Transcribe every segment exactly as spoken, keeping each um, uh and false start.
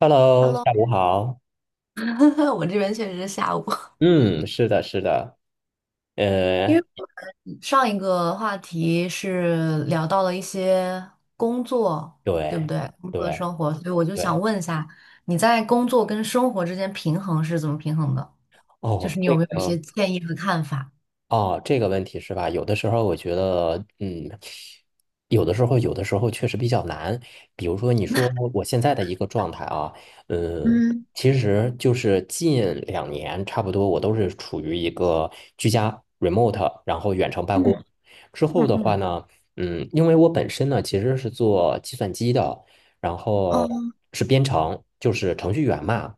Hello，Hello，下午好。我这边确实是下午。嗯，是的，是的，呃，上一个话题是聊到了一些工作，对不对，对？工作的对，生活，所以我就想对，问一下，你在工作跟生活之间平衡是怎么平衡的？就哦，是你有这没有一些个，建议和看法？哦，这个问题是吧？有的时候我觉得，嗯，有的时候，有的时候确实比较难。比如说，你说我现在的一个状态啊，嗯，嗯其实就是近两年差不多，我都是处于一个居家 remote，然后远程办嗯公。之后嗯的话嗯，呢，嗯，因为我本身呢其实是做计算机的，然后嗯是编程，就是程序员嘛。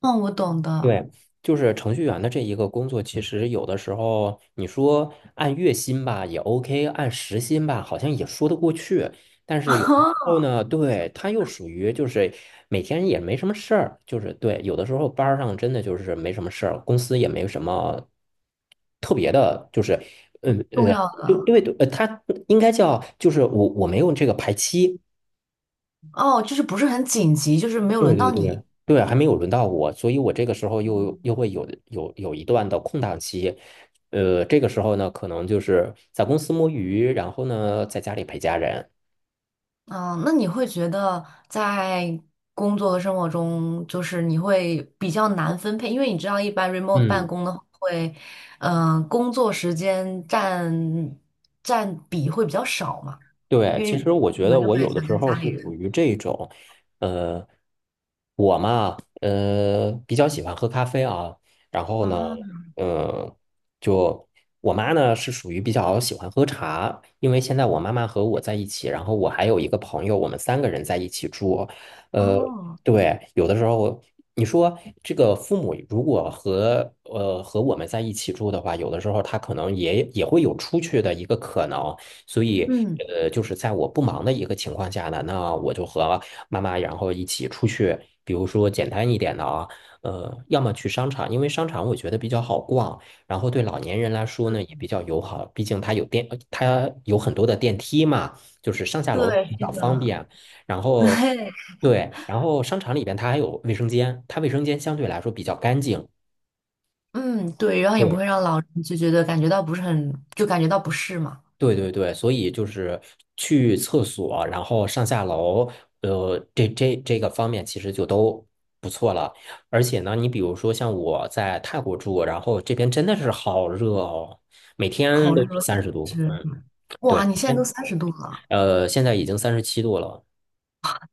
嗯，我懂的，对，就是程序员的这一个工作，其实有的时候你说按月薪吧也 OK，按时薪吧好像也说得过去，但是有的时候 呢，对，他又属于就是每天也没什么事儿，就是对，有的时候班儿上真的就是没什么事儿，公司也没什么特别的，就是嗯重呃，要对的因为呃，他应该叫就是我我没有这个排期，哦，就是不是很紧急，就是没有对轮对到对你。对，还没有轮到我，所以我这个时候又又会有有有一段的空档期，呃，这个时候呢，可能就是在公司摸鱼，然后呢，在家里陪家人。嗯，那你会觉得在工作和生活中，就是你会比较难分配，因为你知道，一般 remote 办嗯。公的话会，嗯、工作时间占占比会比较少嘛，对，因其为实我可觉得能就我会有的想时跟候家是里属人于这种，呃，我嘛，呃，比较喜欢喝咖啡啊，然后呢，啊，呃，就我妈呢是属于比较喜欢喝茶，因为现在我妈妈和我在一起，然后我还有一个朋友，我们三个人在一起住，呃，哦，对，有的时候你说这个父母如果和呃和我们在一起住的话，有的时候他可能也也会有出去的一个可能。所以，嗯，呃，就是在我不忙的一个情况下呢，那我就和妈妈然后一起出去，比如说简单一点的啊，呃，要么去商场，因为商场我觉得比较好逛，然后对老年人来说呢也比较友好，毕竟它有电，呃它有很多的电梯嘛，就是上下楼对，比是较方的，便。然 对，后，对，然后商场里边它还有卫生间，它卫生间相对来说比较干净。嗯，对，然后也不对。会让老人就觉得感觉到不是很，就感觉到不适嘛，对对对，所以就是去厕所，然后上下楼，呃，这这这个方面其实就都不错了。而且呢，你比如说像我在泰国住，然后这边真的是好热哦，每天好都是热，三十度。是，嗯，哇，对，你每现在都天三十度了。呃，现在已经三十七度了。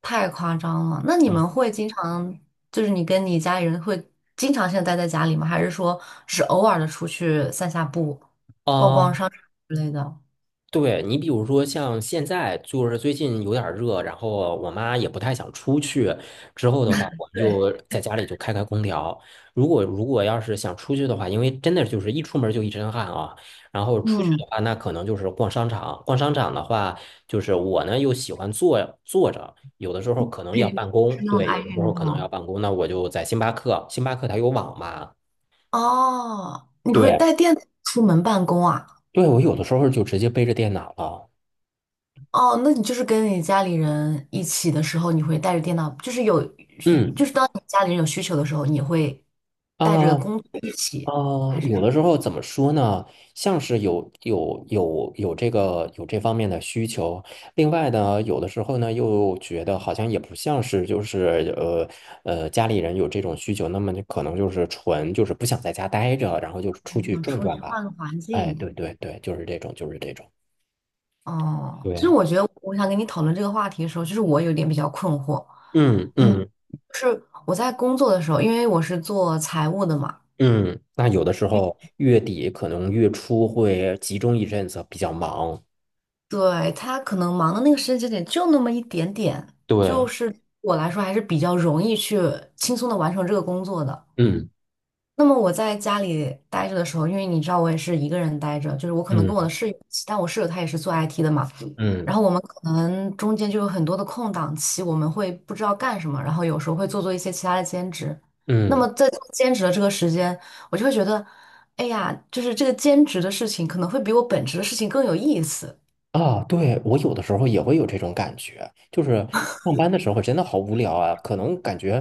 太夸张了。那你嗯，们会经常，就是你跟你家里人会经常性地待在家里吗？还是说只偶尔的出去散下步、逛逛啊、商场之类的？对你，比如说像现在就是最近有点儿热，然后我妈也不太想出去。之后的话，我们对，就在家里就开开空调。如果如果要是想出去的话，因为真的就是一出门就一身汗啊。然后出去嗯，的话，那可能就是逛商场。逛商场的话，就是我呢又喜欢坐坐着，有的时候可能要办 公，是那么对，爱有的时候运可能要动办公，那我就在星巴克，星巴克它有网嘛，哦？你会对，带电脑出门办公啊？对，我有的时候就直接背着电脑了。哦，那你就是跟你家里人一起的时候，你会带着电脑，就是有，就嗯是当你家里人有需求的时候，你会啊，带着工具一起，呃，还是有说的时候怎么说呢？像是有有有有这个有这方面的需求，另外呢，有的时候呢又觉得好像也不像是就是呃呃家里人有这种需求，那么就可能就是纯就是不想在家待着，然后就出去想转出转去吧。换个环哎，境？对对对，就是这种，就是这种。哦，其对，实我觉得我想跟你讨论这个话题的时候，就是我有点比较困惑。嗯嗯，嗯我在工作的时候，因为我是做财务的嘛，嗯，那有的时候月底可能月初会集中一阵子比较忙。对，他可能忙的那个时间节点就那么一点点，就对，是我来说还是比较容易去轻松的完成这个工作的。嗯那么我在家里待着的时候，因为你知道我也是一个人待着，就是我可能跟我的嗯室友一起，但我室友他也是做 I T 的嘛，然嗯后我们可能中间就有很多的空档期，我们会不知道干什么，然后有时候会做做一些其他的兼职。那么嗯。在做兼职的这个时间，我就会觉得，哎呀，就是这个兼职的事情可能会比我本职的事情更有意思。啊，对，我有的时候也会有这种感觉，就是上班的时候真的好无聊啊，可能感觉，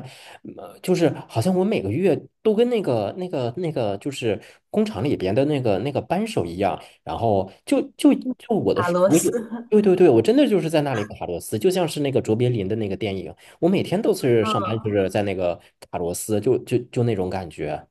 呃，就是好像我每个月都跟那个那个那个就是工厂里边的那个那个扳手一样，然后就就就我的打是螺我丝。有，对对对，我真的就是在那里卡螺丝，就像是那个卓别林的那个电影，我每天都是上班就是在那个卡螺丝，就就就那种感觉，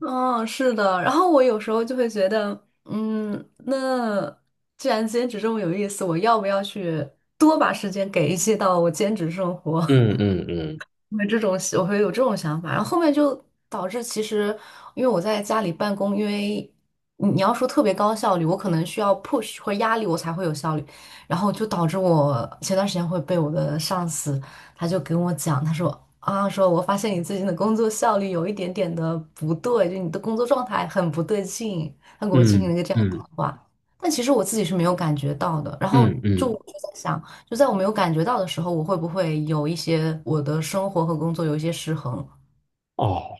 嗯，是的。然后我有时候就会觉得，嗯，那既然兼职这么有意思，我要不要去多把时间给一些到我兼职生活？嗯嗯嗯会这种，我会有这种想法，然后后面就导致其实，因为我在家里办公，因为你你要说特别高效率，我可能需要 push 或压力我才会有效率，然后就导致我前段时间会被我的上司，他就跟我讲，他说啊，说我发现你最近的工作效率有一点点的不对，就你的工作状态很不对劲，他给我进行嗯了一个这样的谈嗯话，但其实我自己是没有感觉到的，然后嗯就我嗯，就在想。就在我没有感觉到的时候，我会不会有一些我的生活和工作有一些失衡？哦。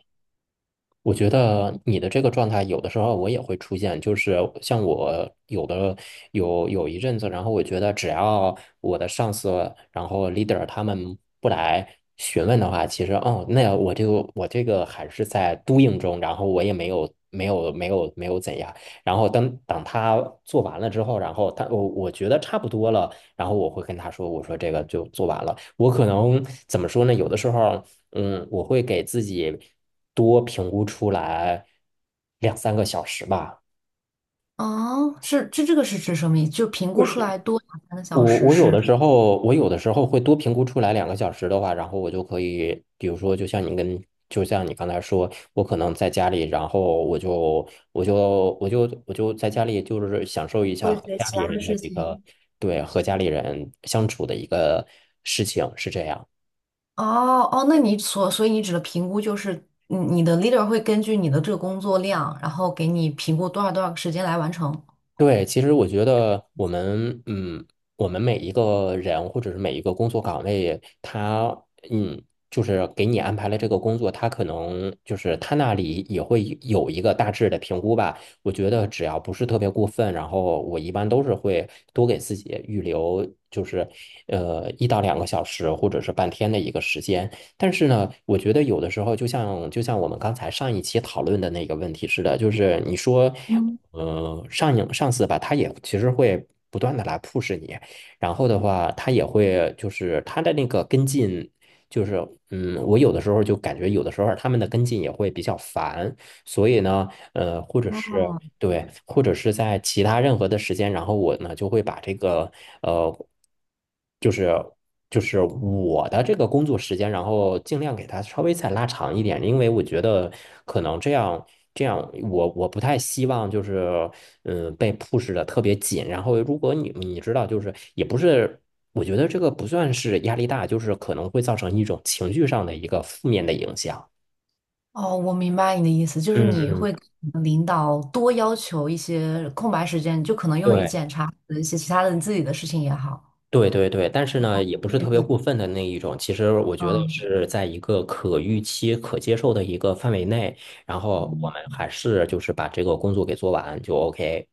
我觉得你的这个状态，有的时候我也会出现，就是像我有的有有一阵子，然后我觉得只要我的上司，然后 leader 他们不来询问的话，其实哦，那我就我这个还是在 doing 中，然后我也没有没有没有没有怎样，然后等等他做完了之后，然后他我我觉得差不多了，然后我会跟他说，我说这个就做完了。我可能怎么说呢？有的时候。嗯，我会给自己多评估出来两三个小时吧。哦，是，这这个是指什么意思？就评就估出是来多两三个我小时我有是的时候，我有的时候会多评估出来两个小时的话，然后我就可以，比如说，就像你跟，就像你刚才说，我可能在家里，然后我就我就我就我就在家里，就是享受一下做一和些家其里他的人的事一个，情。对，和家里人相处的一个事情，是这样。哦哦，那你所所以你指的评估就是你你的 leader 会根据你的这个工作量，然后给你评估多少多少个时间来完成。对，其实我觉得我们，嗯，我们每一个人或者是每一个工作岗位，他，嗯，就是给你安排了这个工作，他可能就是他那里也会有一个大致的评估吧。我觉得只要不是特别过分，然后我一般都是会多给自己预留，就是呃一到两个小时或者是半天的一个时间。但是呢，我觉得有的时候，就像就像我们刚才上一期讨论的那个问题似的，就是你说，嗯，呃，上瘾上司吧，他也其实会不断的来 push 你，然后的话，他也会就是他的那个跟进，就是嗯，我有的时候就感觉有的时候他们的跟进也会比较烦，所以呢，呃，或者是。对，或者是在其他任何的时间，然后我呢就会把这个呃，就是就是我的这个工作时间，然后尽量给他稍微再拉长一点，因为我觉得可能这样这样，我我不太希望就是嗯、呃被 push 的特别紧，然后如果你你知道，就是也不是。我觉得这个不算是压力大，就是可能会造成一种情绪上的一个负面的影响。哦，我明白你的意思，就是嗯你会嗯，跟你的领导多要求一些空白时间，就可能用于对。检查一些其他的你自己的事情也好。对对对，但是呢，也不是特别嗯。过分的那一种。其实我觉得是在一个可预期、可接受的一个范围内，然后我嗯，们还是就是把这个工作给做完就 OK。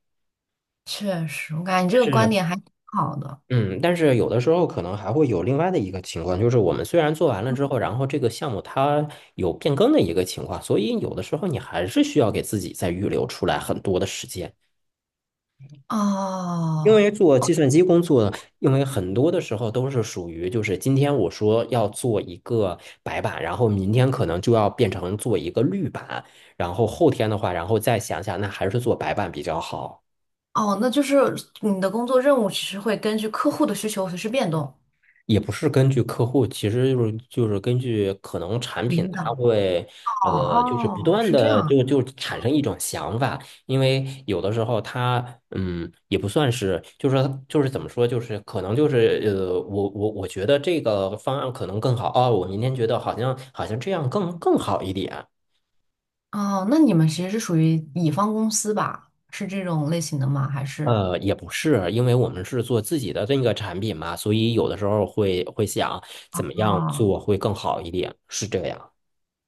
确实，我感觉你这但个观是，点还挺好的。嗯，但是有的时候可能还会有另外的一个情况，就是我们虽然做完了之后，然后这个项目它有变更的一个情况，所以有的时候你还是需要给自己再预留出来很多的时间。因哦为做计算机工作，因为很多的时候都是属于，就是今天我说要做一个白板，然后明天可能就要变成做一个绿板，然后后天的话，然后再想想，那还是做白板比较好。哦，那就是你的工作任务其实会根据客户的需求随时变动。也不是根据客户，其实就是就是根据可能产品，领导，它会哦呃，就是不哦，断是这的样。就就产生一种想法，因为有的时候它嗯也不算是，就是说就是怎么说，就是可能就是呃，我我我觉得这个方案可能更好哦，我明天觉得好像好像这样更更好一点。哦，那你们其实是属于乙方公司吧？是这种类型的吗？还是？呃，也不是，因为我们是做自己的这个产品嘛，所以有的时候会会想怎么样哦做会更好一点，是这样。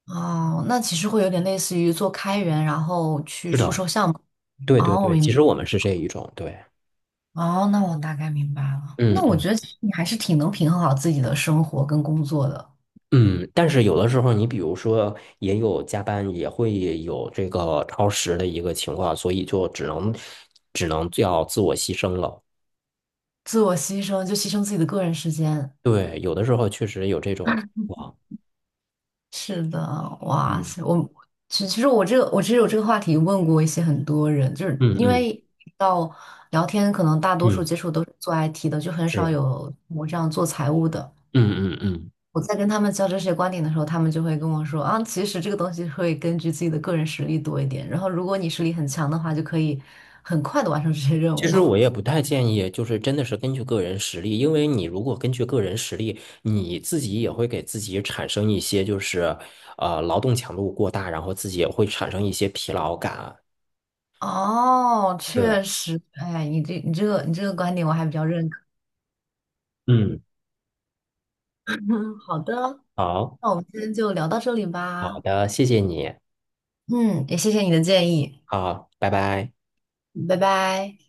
哦，那其实会有点类似于做开源，然后去是出的。售项目。对对哦，我对，明其白。实我们是这一种，对，哦，那我大概明白了。嗯那我嗯，觉得其实你还是挺能平衡好自己的生活跟工作的。嗯，但是有的时候你比如说也有加班，也会有这个超时的一个情况，所以就只能只能要自我牺牲了。自我牺牲，就牺牲自己的个人时间。对，有的时候确实有这种哇，是的，哇嗯塞，我其其实我这个我其实有这个话题问过一些很多人，就是嗯因嗯为到聊天，可能大多数嗯，接触都是做 I T 的，就很少是，有我这样做财务的。嗯嗯嗯。我在跟他们交流这些观点的时候，他们就会跟我说啊，其实这个东西会根据自己的个人实力多一点，然后如果你实力很强的话，就可以很快的完成这些任其务。实我也 不太建议，就是真的是根据个人实力，因为你如果根据个人实力，你自己也会给自己产生一些就是呃劳动强度过大，然后自己也会产生一些疲劳感。哦，是，确实，哎，你这你这个你这个观点我还比较认可。嗯，好的。好，那我们今天就聊到这里好吧。的，谢谢你，嗯，也谢谢你的建议，好，拜拜。拜拜。